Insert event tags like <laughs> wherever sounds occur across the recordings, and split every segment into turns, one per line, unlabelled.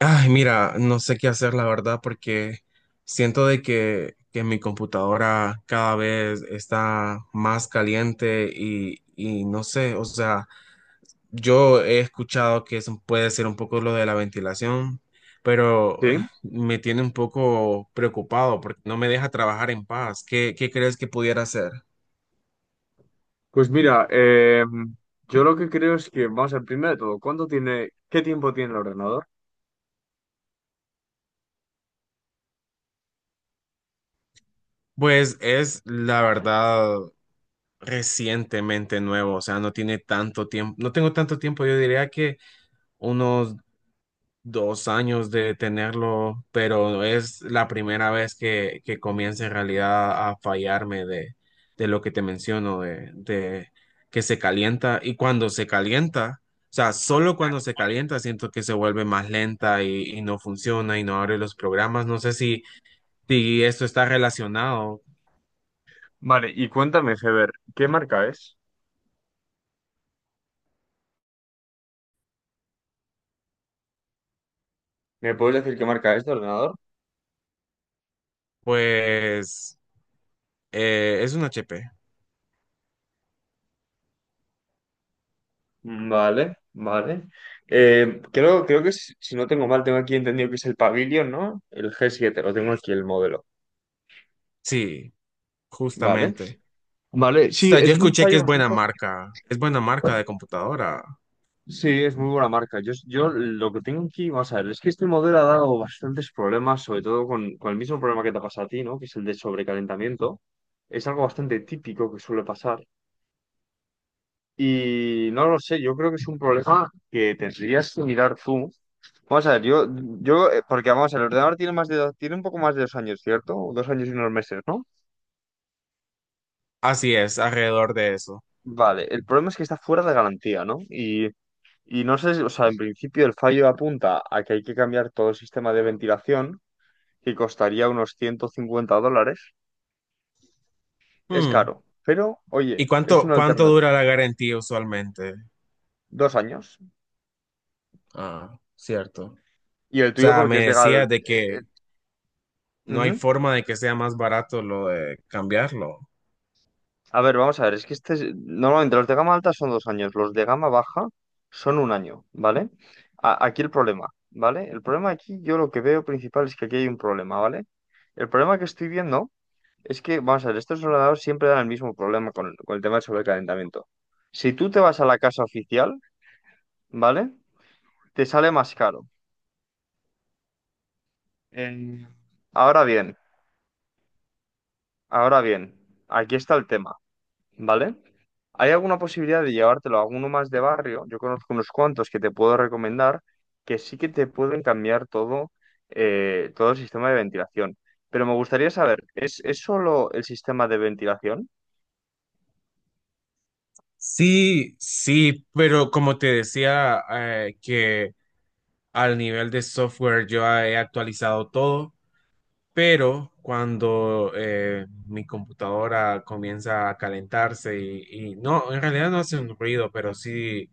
Ay, mira, no sé qué hacer, la verdad, porque siento de que mi computadora cada vez está más caliente y no sé, o sea, yo he escuchado que eso puede ser un poco lo de la ventilación, pero
Sí,
me tiene un poco preocupado porque no me deja trabajar en paz. ¿Qué crees que pudiera hacer?
pues mira, yo lo que creo es que, vamos a ver, primero de todo, ¿qué tiempo tiene el ordenador?
Pues es la verdad recientemente nuevo, o sea, no tiene tanto tiempo, no tengo tanto tiempo, yo diría que unos 2 años de tenerlo, pero es la primera vez que comienza en realidad a fallarme de lo que te menciono, de que se calienta y cuando se calienta, o sea, solo cuando se calienta siento que se vuelve más lenta y no funciona y no abre los programas. No sé si esto está relacionado,
Vale, y cuéntame, Heber, ¿qué marca es? ¿Me puedes decir qué marca es de ordenador?
pues es un HP,
Vale, vale. Creo que es- si no tengo mal, tengo aquí entendido que es el Pavilion, ¿no? El g siete. Lo tengo aquí el modelo.
sí,
Vale.
justamente.
Vale,
O
sí,
sea,
es
yo
un
escuché que
fallo bastante.
es buena marca de computadora.
Sí, es muy buena marca. Yo lo que tengo aquí, vamos a ver, es que este modelo ha dado bastantes problemas, sobre todo con el mismo problema que te pasa a ti, ¿no? Que es el de sobrecalentamiento. Es algo bastante típico que suele pasar. Y no lo sé, yo creo que es un problema que tendrías que mirar tú. Vamos a ver, porque vamos a ver, el ordenador tiene más de, tiene un poco más de dos años, ¿cierto? O 2 años y unos meses, ¿no?
Así es, alrededor de eso.
Vale, el problema es que está fuera de garantía, ¿no? Y no sé, si- o sea, en principio el fallo apunta a que hay que cambiar todo el sistema de ventilación que costaría unos 150 dólares. Es
Hmm.
caro, pero
¿Y
oye, es
cuánto,
una
cuánto
alternativa.
dura la garantía usualmente?
Dos años.
Ah, cierto. O
Y el tuyo
sea,
porque es
me
de gal...
decías de que no hay
ujú.
forma de que sea más barato lo de cambiarlo.
A ver, vamos a ver, es que este es- normalmente los de gama alta son dos años, los de gama baja son un año, ¿vale? A- aquí el problema, ¿vale? El problema aquí, yo lo que veo principal es que aquí hay un problema, ¿vale? El problema que estoy viendo es que, vamos a ver, estos ordenadores siempre dan el mismo problema con el tema del sobrecalentamiento. Si tú te vas a la casa oficial, ¿vale? Te sale más caro. Eh, ahora bien, ahora bien, aquí está el tema, ¿vale? ¿Hay alguna posibilidad de llevártelo a alguno más de barrio? Yo conozco unos cuantos que te puedo recomendar que sí que te pueden cambiar todo, todo el sistema de ventilación. Pero me gustaría saber, es solo el sistema de ventilación?
Sí, sí, pero como te decía, que al nivel de software yo he actualizado todo, pero cuando mi computadora comienza a calentarse y no, en realidad no hace un ruido, pero sí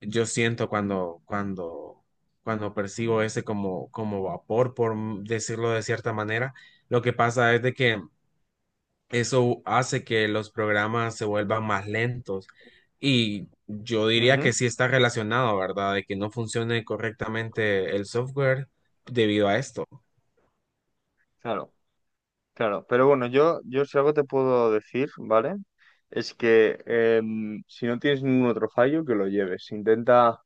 yo siento cuando percibo ese como vapor, por decirlo de cierta manera, lo que pasa es de que eso hace que los programas se vuelvan más lentos. Y yo diría
Ujú,
que sí está relacionado, ¿verdad? De que no funcione correctamente el software debido a esto.
claro. Claro, pero bueno, yo si algo te puedo decir, ¿vale? Es que em, si no tienes ningún otro fallo, que lo lleves. Intenta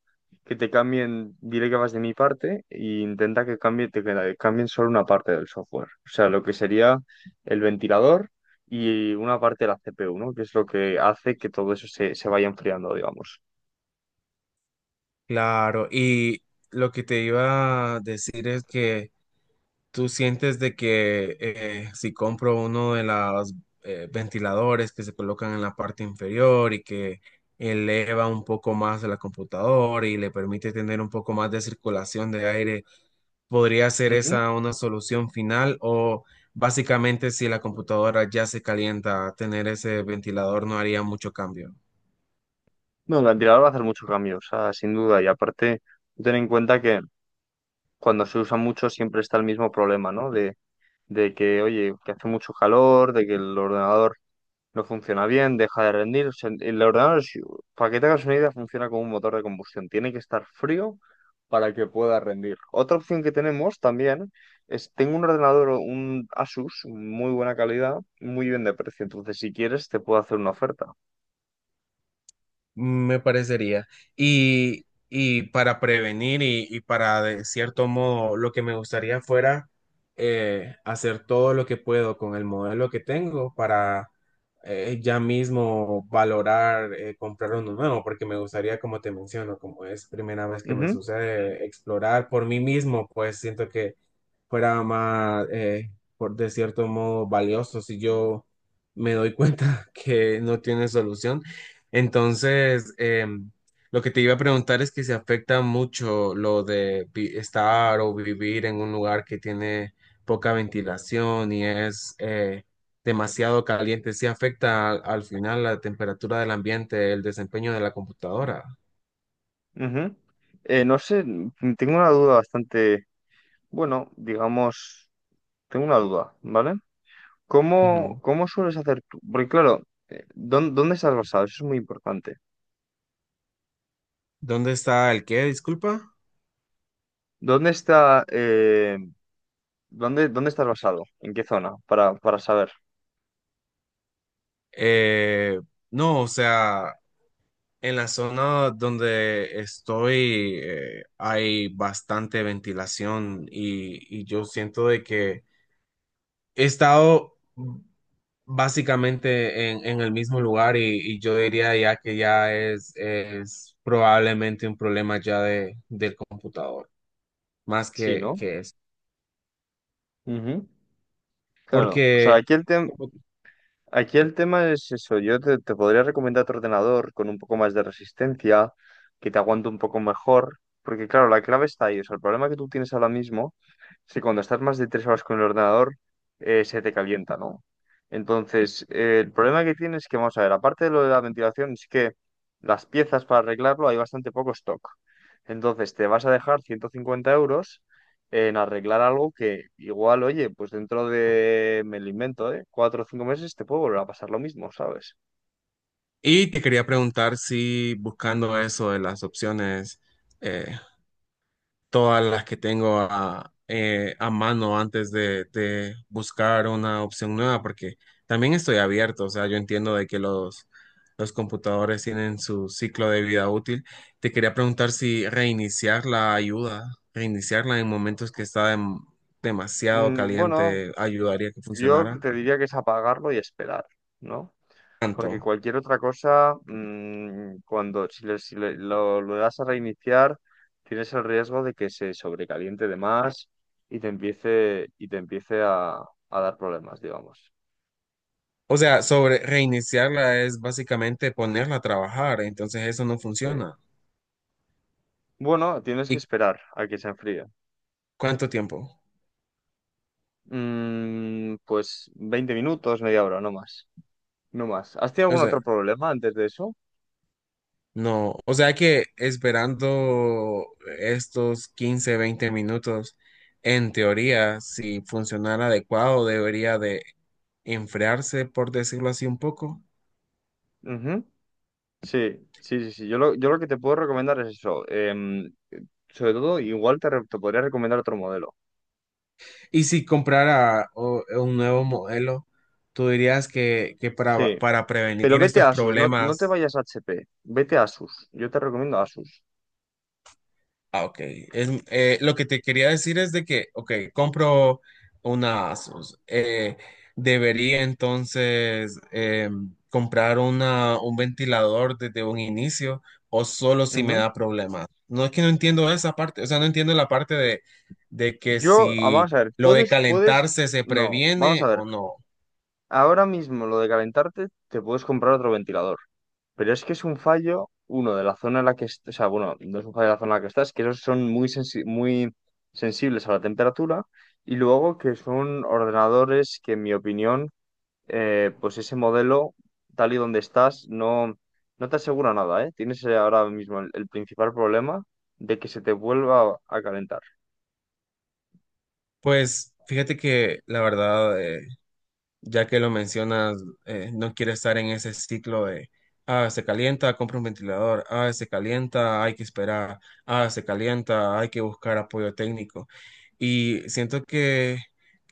que te cambien, diré que vas de mi parte, e intenta que cambie, te, que la- cambien solo una parte del software. O sea, lo que sería el ventilador y una parte de la CPU, ¿no? Que es lo que hace que todo eso se, se vaya enfriando, digamos.
Claro, y lo que te iba a decir es que ¿tú sientes de que si compro uno de los ventiladores que se colocan en la parte inferior y que eleva un poco más la computadora y le permite tener un poco más de circulación de aire, podría ser
Ujú.
esa una solución final? ¿O básicamente si la computadora ya se calienta, tener ese ventilador no haría mucho cambio?
No, el ventilador va a hacer mucho cambio, o sea, sin duda. Y aparte, ten en cuenta que cuando se usa mucho siempre está el mismo problema, ¿no? De que, oye, que hace mucho calor, de que el ordenador no funciona bien, deja de rendir. O sea, el ordenador, si- para que te hagas una idea, funciona como un motor de combustión. Tiene que estar frío para que pueda rendir. Otra opción que tenemos también es, tengo un ordenador, un Asus, muy buena calidad, muy bien de precio. Entonces, si quieres, te puedo hacer una oferta.
Me parecería. Y para prevenir y para, de cierto modo, lo que me gustaría fuera hacer todo lo que puedo con el modelo que tengo para ya mismo valorar comprar uno nuevo, porque me gustaría, como te menciono, como es primera vez que me
Ujú.
sucede, explorar por mí mismo, pues siento que fuera más, por de cierto modo, valioso si yo me doy cuenta <laughs> que no tiene solución. Entonces, lo que te iba a preguntar es que se afecta mucho lo de estar o vivir en un lugar que tiene poca ventilación y es demasiado caliente. ¿Sí afecta al, al final la temperatura del ambiente, el desempeño de la computadora?
Ujú. No sé, tengo una duda bastante, bueno, digamos, tengo una duda, ¿vale?
Ujú.
¿Cómo, cómo sueles hacer tú? Porque claro, ¿dón- ¿dónde, estás basado? Eso es muy importante.
¿Dónde está el qué? Disculpa.
¿Dónde está, dónde, dónde estás basado? ¿En qué zona? Para saber.
Eh, no, o sea, en la zona donde estoy hay bastante ventilación y yo siento de que he estado básicamente en el mismo lugar y yo diría ya que ya es probablemente un problema ya del computador, más
Sí,
que,
¿no?
que eso.
Ujú. Claro. O sea,
Porque,
aquí el tema. Aquí el tema es eso, yo te, te podría recomendar otro ordenador con un poco más de resistencia, que te aguante un poco mejor, porque claro, la clave está ahí, o sea, el problema que tú tienes ahora mismo es que cuando estás más de tres horas con el ordenador, se te calienta, ¿no? Entonces, el problema que tienes es que, vamos a ver, aparte de lo de la ventilación, es que las piezas para arreglarlo hay bastante poco stock. Entonces, te vas a dejar 150 euros en arreglar algo que igual, oye, pues dentro de, me lo invento, ¿eh? Cuatro o cinco meses te puede volver a pasar lo mismo, ¿sabes?
y te quería preguntar si buscando eso de las opciones, eh, todas las que tengo a mano antes de buscar una opción nueva, porque también estoy abierto, o sea, yo entiendo de que los computadores tienen su ciclo de vida útil. Te quería preguntar si reiniciar la ayuda, reiniciarla en momentos que está demasiado
Mm, bueno,
caliente, ayudaría que
yo
funcionara
te diría que es apagarlo y esperar, ¿no? Porque
tanto.
cualquier otra cosa, mm, cuando si, le, si le- lo das a reiniciar, tienes el riesgo de que se sobrecaliente de más y te empiece a dar problemas, digamos.
O sea, sobre reiniciarla es básicamente ponerla a trabajar, entonces eso no
Sí.
funciona.
Bueno, tienes que
¿Y
esperar a que se enfríe.
cuánto tiempo?
Mm, pues 20 minutos, media hora, no más. No más. ¿Has tenido algún otro problema antes de eso?
No, o sea que esperando estos 15 20 minutos, en teoría, si funcionara adecuado, debería de enfriarse, por decirlo así, un poco.
Ujú. Sí, sí, sí, sí. Yo lo que te puedo recomendar es eso. Em, sobre todo, igual te, re- te podría recomendar otro modelo.
Y si comprara un nuevo modelo, tú dirías que
Sí.
para
Pero
prevenir
vete
estos
a Asus, no, no te
problemas
vayas a HP. Vete a Asus. Yo te recomiendo Asus.
Ah, ok. Es, lo que te quería decir es de que, ok, compro una Asus. Debería entonces comprar una, un ventilador desde un inicio o solo si me
Ujú.
da problemas. No es que no entiendo esa parte, o sea, no entiendo la parte de que
Yo, ah,
si
vamos a ver,
lo de
puedes,
calentarse se
no, vamos
previene
a ver.
o no.
Ahora mismo lo de calentarte, te puedes comprar otro ventilador. Pero es que es un fallo, uno, de la zona en la que, est- o sea, bueno, no es un fallo de la zona en la que estás, que esos son muy, sensi- muy sensibles a la temperatura, y luego que son ordenadores que, en mi opinión, pues ese modelo, tal y donde estás, no, no te asegura nada, ¿eh? Tienes ahora mismo el principal problema de que se te vuelva a calentar.
Pues fíjate que la verdad, ya que lo mencionas, no quiere estar en ese ciclo de, ah, se calienta, compra un ventilador, ah, se calienta, hay que esperar, ah, se calienta, hay que buscar apoyo técnico. Y siento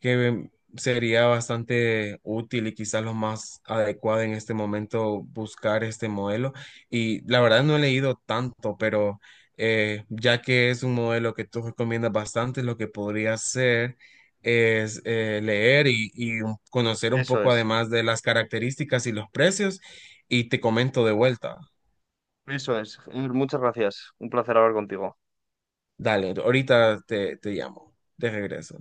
que sería bastante útil y quizás lo más adecuado en este momento buscar este modelo. Y la verdad no he leído tanto, pero, ya que es un modelo que tú recomiendas bastante, lo que podría ser es leer y conocer un
Eso
poco
es,
además de las características y los precios y te comento de vuelta.
eso es. Muchas gracias. Un placer hablar contigo.
Dale, ahorita te llamo, de regreso.